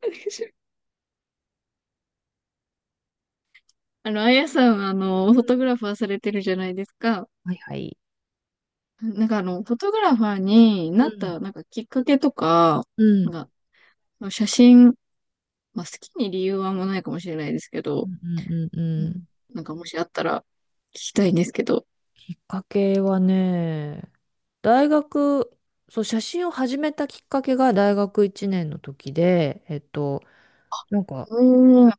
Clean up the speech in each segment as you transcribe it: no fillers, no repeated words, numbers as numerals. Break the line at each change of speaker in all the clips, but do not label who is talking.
あやさんは、
う
フ
ん、
ォトグラファーされてるじゃないですか。
はいはい。
フォトグラファーに
う
なっ
ん、
た、きっかけとか、
うん、
なん写真、まあ、好きに理由はあんまないかもしれないですけ
う
ど、
んうんうんうん。
なんか、もしあったら、聞きたいんですけど。
きっかけはね、大学、そう、写真を始めたきっかけが大学1年の時で、なんか、
おー、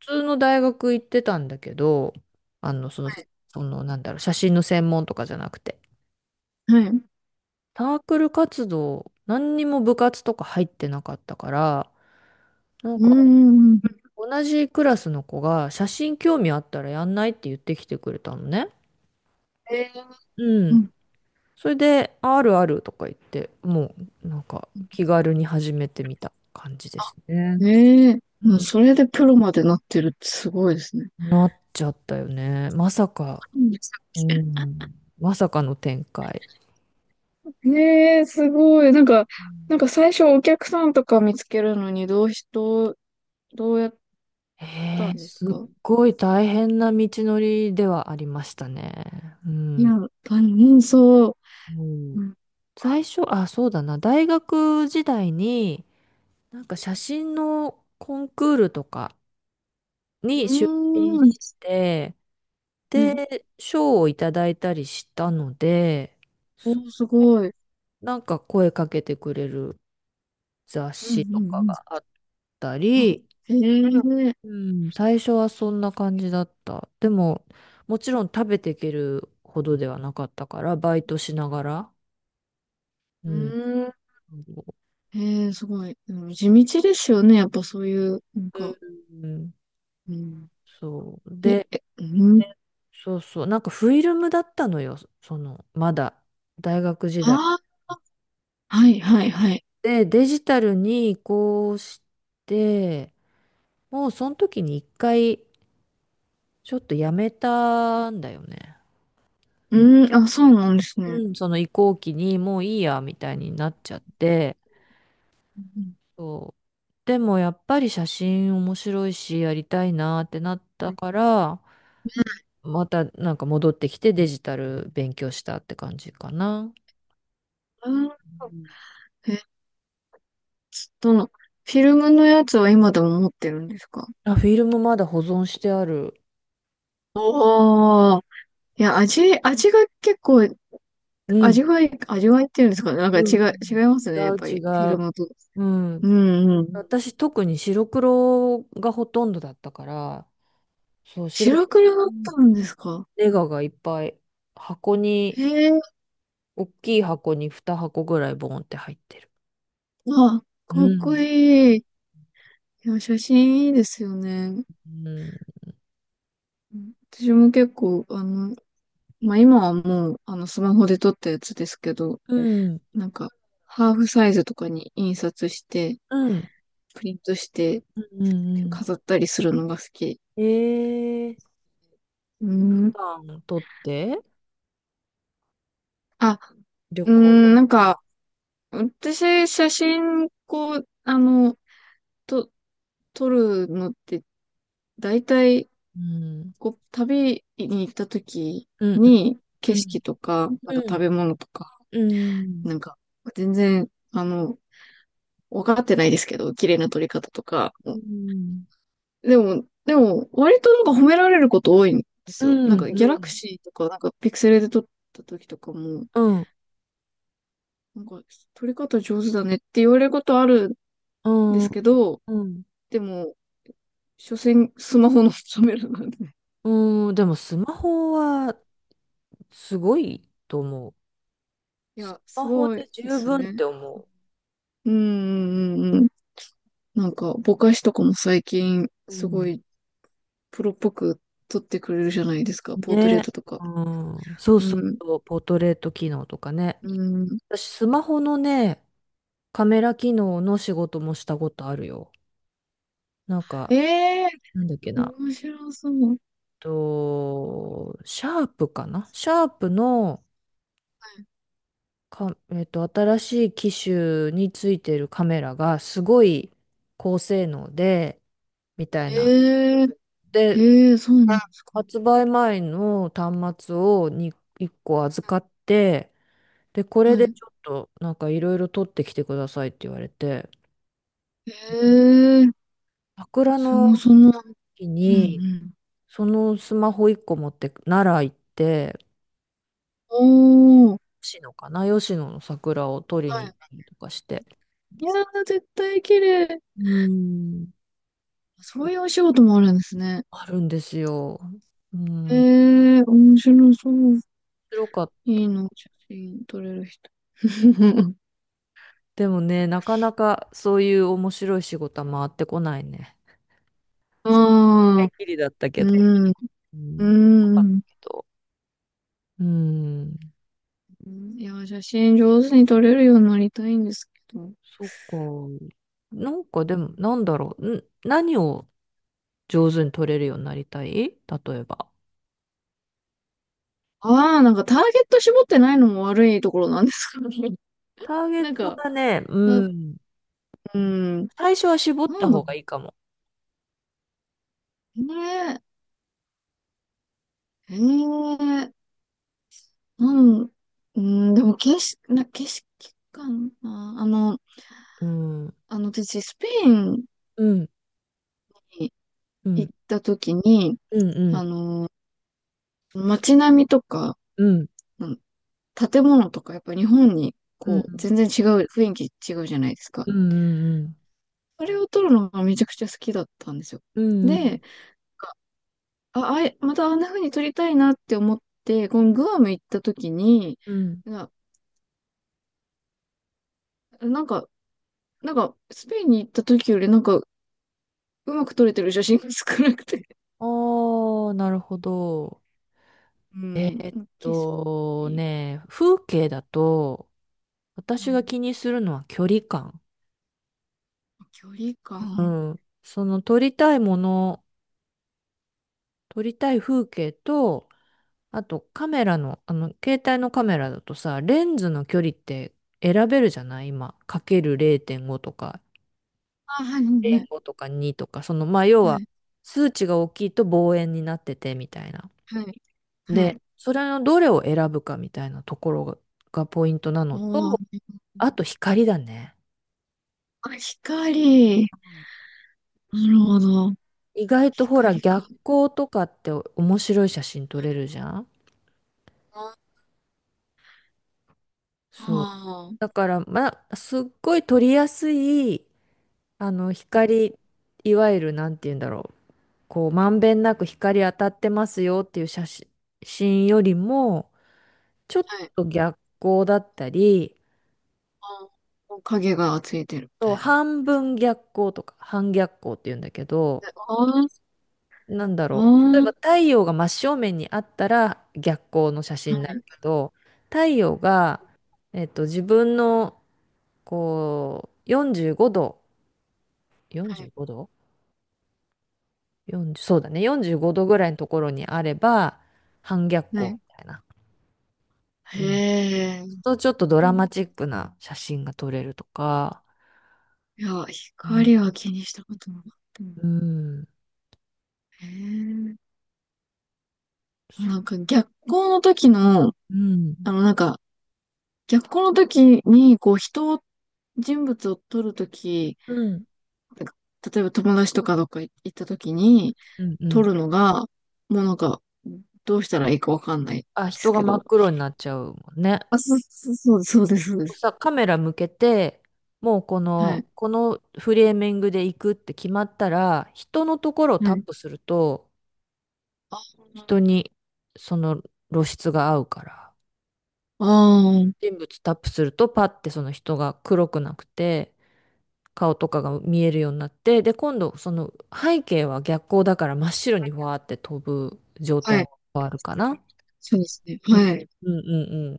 普通の大学行ってたんだけど、あの、その、
はい。
なんだろう、写真の専門とかじゃなくて、
はい。う
サークル活動、何にも部活とか入ってなかったから、なん
ー
か、
ん。
同じクラスの子が写真興味あったらやんないって言ってきてくれたのね。
えー、
う
う
ん。
ん。
それで、ああるあるとか言って、もうなんか気軽に始めてみた感じです
え
ね。
ー、
う
もう
ん。
それでプロまでなってるってすごいですね。
なっちゃったよね。まさか、
うん。
うん。まさかの展開。
ねえ、すごい。
う
なん
ん。
か最初お客さんとか見つけるのにどうし、どう、どうやったんです
す
か？
っごい大変な道のりではありましたね。う
いや、
ん。
あの、そう。
うん。
うん。
最初、あ、そうだな。大学時代に、なんか写真のコンクールとか
う
に出品
ー
し
ん。
て、
ね。
で、賞をいただいたりしたので、そ
お、すごい。
なんか声かけてくれる雑
うんう
誌とか
んう
があった
ん。あ、
り、
へえ。
うん、最初はそんな感じだった。でも、もちろん食べていけるほどではなかったから、バイトしながら。う
う
ん。
ん。へえ、すごい。でも地道ですよね。やっぱそういう、なんか。
うん、
うん。
そう。
え、
で、
え、うん。
そうそう。なんかフィルムだったのよ。まだ、大学時代。
ああ、はいはいはい。
で、デジタルに移行して、もうその時に一回ちょっとやめたんだよね。うん。
うん。あ、そうなんですね。
うん、その移行期にもういいやみたいになっちゃって、
うんうん。
そう。でもやっぱり写真面白いしやりたいなってなった
はい。
から、またなんか戻ってきてデジタル勉強したって感じかな。
あ
うん。
ー、どの、フィルムのやつは今でも持ってるんですか？
あ、フィルムまだ保存してある。
おー。いや、味が結構、
うん。
味わいっていうんですかね。なんか
うんうん。
違います
違
ね。やっぱ
う違
り、フィル
う。
ムと。
うん。
うんうん。
私特に白黒がほとんどだったから、そう、白黒
白黒だっ
の
たんですか？
ネガがいっぱい箱
へ
に、
え、
大きい箱に2箱ぐらいボンって入ってる。
あ、
う
かっこ
ん。
いい。いや、写真いいですよね。
うん。
うん、私も結構、まあ、今はもう、スマホで撮ったやつですけど、
うん。
なんか、ハーフサイズとかに印刷して、
うん。
プリントして、
うん。うん。
飾ったりするのが好き。
えー、
うーん。
普段ン取って
あ、
旅
うー
行。
ん、なんか、私、写真、こう、と、撮るのって、大体、
うん。
こう、旅に行った時
うん。
に、
う
景
ん。
色とか、なん
う
か
ん。
食べ物とか、
うん。うん。
なんか、全然、あの、分かってないですけど、綺麗な撮り方とか。
うん。
でも、でも、割となんか褒められること多いんです
う
よ。なんか、ギャラク
ん。
シーとか、なんか、ピクセルで撮った時とかも、
うん。うん。
なんか、取り方上手だねって言われることあるんですけど、
うん。
でも、所詮スマホのカメラなんで。
うん。でもスマホはすごいと思う。ス
いや、す
マホ
ごい
で
で
十
す
分っ
ね。
て思
うん、うん、うん。なんか、ぼかしとかも最近、
う。う
すご
ん。
いプロっぽく撮ってくれるじゃないですか、ポートレー
ね。
トとか。
うん、そうそう
うん、
そう、ポートレート機能とかね。
うん。
私、スマホのね、カメラ機能の仕事もしたことあるよ。なんか、
ええ
なんだっけ
ー、
な。
面白そう。
シャープかなシャープのか、新しい機種についてるカメラがすごい高性能で、みたいな。
ええー、
で、
ええー、そうなんですか。
発売前の端末に1個預かって、で、こ
は
れで
い。
ちょっとなんかいろいろ取ってきてくださいって言われて、
ええー、
桜
そも
の
そも、
木
うん、う
に
ん。
そのスマホ1個持って奈良行って、
おー、
吉野かな、吉野の桜を取り
は
に行っ
い。
たりとかして。
いやー、絶対綺麗。
うん、
そういうお仕事もあるんですね。
あるんですよ。う
え
ん、面
ー、面白そう。
白かった。
いいの、写真撮れる人。
でもね、なかなかそういう面白い仕事は回ってこないね。一
ああ、
回きりだった
う
けど。
ん、
うん、
う
よかった
ん。
けど。うん、
いや、写真上手に撮れるようになりたいんですけど。
そっか。なんかでも、なんだろう。何を上手に取れるようになりたい例えば。
ああー、なんかターゲット絞ってないのも悪いところなんです。
ター ゲッ
なん
ト
か、
がね、う
な、
ん。
うん、
最初は絞っ
な
た
んだろ
方がいいかも。
うね。ええなん、うん、でも景色かな。あの、
うん。う
あの、私、スペイン
ん。
に
う
行
ん。
った時に、
うん。うん。
あの、街並みとか、
うん。
うん、建物とか、やっぱ日本に、
うん。
こう、全然違う、雰囲気違うじゃないですか。
うん。うん。
あれを撮るのがめちゃくちゃ好きだったんですよ。
うん。
で、あ、あい、またあんな風に撮りたいなって思って、このグアム行った時に、
うん。
な、なんか、なんか、スペインに行った時よりなんか、うまく撮れてる写真が少なくて、
ああー、なるほど。
うん、景色、
風景だと、私
はい、
が気にするのは距離感。
距離
う
感。
ん。その撮りたい風景と、あとカメラの、携帯のカメラだとさ、レンズの距離って選べるじゃない今、かける0.5とか、
あ、はい、
0.5とか2とか、まあ、要
は
は、
い、
数値が大きいと望遠になってて、みたいな。
はい、はい。は
で、
い。
それのどれを選ぶかみたいなところがポイントなの
お
と、
ー、
あと光だね。
あ、光。なるほど。
意外とほら、
光か。
逆光とかって面白い写真撮れるじゃん。
ああ
そう。
ー、
だから、まあ、すっごい撮りやすい光、いわゆる、なんて言うんだろう。こう、まんべんなく光当たってますよっていう写真よりも、ちょっ
はい。
と逆光だったり、
あー、影がついてるみたいな感
半
じですか
分逆光とか、半逆光って言うんだけど、
ね。あー、
なんだ
あ
ろう。例えば
ー、
太陽が真正面にあったら逆光の写真
は
になる
い、
けど、太陽が、自分の、こう、45度、
は
45
い、
度40、そうだね。45度ぐらいのところにあれば、反逆
は
光み
い。
たいな。うん。
へえ。
そうするとちょっとド
う
ラ
ん、
マチックな写真が撮れるとか、
いや、
うん。
光は気にしたことなかったな。
うん。
へえ。な
そ
んか逆光の時の、
う。うん。
あの、なんか、逆光の時に、こう、人を、人物を撮るとき、
うん。
例えば友達とかどっか行ったときに、
うんう
撮
ん。
るのが、もうなんか、どうしたらいいかわかんないで
あ、
す
人が
け
真っ
ど。
黒になっちゃうもんね。
あ、そう、そう、そうです、そうです。
カメラ向けて、もうこ
は
の、
い。
このフレーミングで行くって決まったら、人のところを
は
タッ
い。
プすると、人にその露出が合うから。
ああ、
人物タップするとパッてその人が黒くなくて顔とかが見えるようになって、で、今度その背景は逆光だから真っ白にわーって飛ぶ状
は
態
い。
に変わるかな。
そうですね。
うん
はい。
うんうんうん。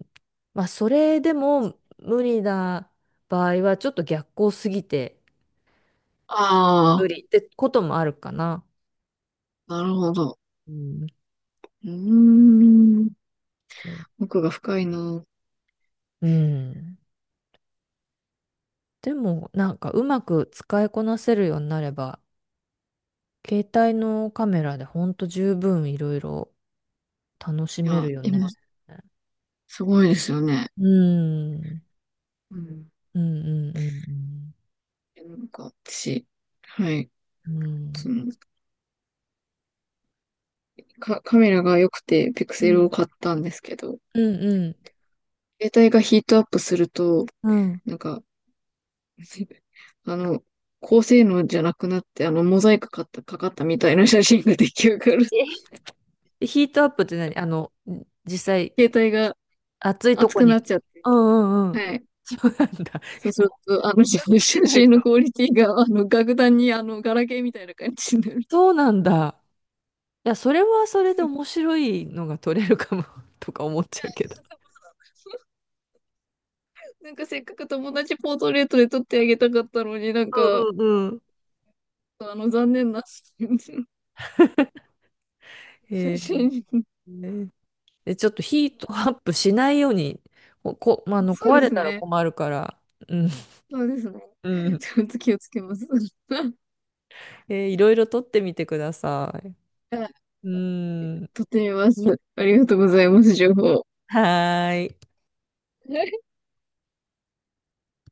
まあそれでも無理な場合はちょっと逆光すぎて
あ
無理ってこともあるかな。
あ、なるほど。
うん、
うーん。
そう。
奥が深いな。
うん。でもなんかうまく使いこなせるようになれば携帯のカメラでほんと十分いろいろ楽し
い
め
や、
るよ
今、
ね。
すごいですよね。
うん。
うん。
うんうん
なんか、私、はい。
うんう
そ
ん。
のカメラが良くて、ピク
う
セ
ん。う
ルを
ん
買ったんですけど、
うん
携帯がヒートアップすると、
うん。
なんか、あの、高性能じゃなくなって、あの、モザイクかかった、かかったみたいな写真が出来上がる。
え、ヒートアップって何、実際、
携帯が
暑いと
熱
こ
くなっ
に。
ちゃって、
うんうんうん。
はい。
そうなんだ。
そうすると、あの、写
しない
真の
と。
クオリティが、あの、格段に、あの、ガラケーみたいな感じになる。
そうなんだ。いや、それはそれで面 白いのが取れるかも とか思っちゃうけど。
なんかせっかく友達ポートレートで撮ってあげたかったのになん
う
か、
んうんうん。
あの、残念な
へ
写
え。
真。
で、ちょっとヒートアップしないように、まあ
そう
壊
で
れ
す
たら
ね。
困るから。うん。
そうですね。
う ん。
ちょっと気をつけます。
いろいろ撮ってみてください。う
あ、
ーん。
とってみます。ありがとうございます、情報。
はーい。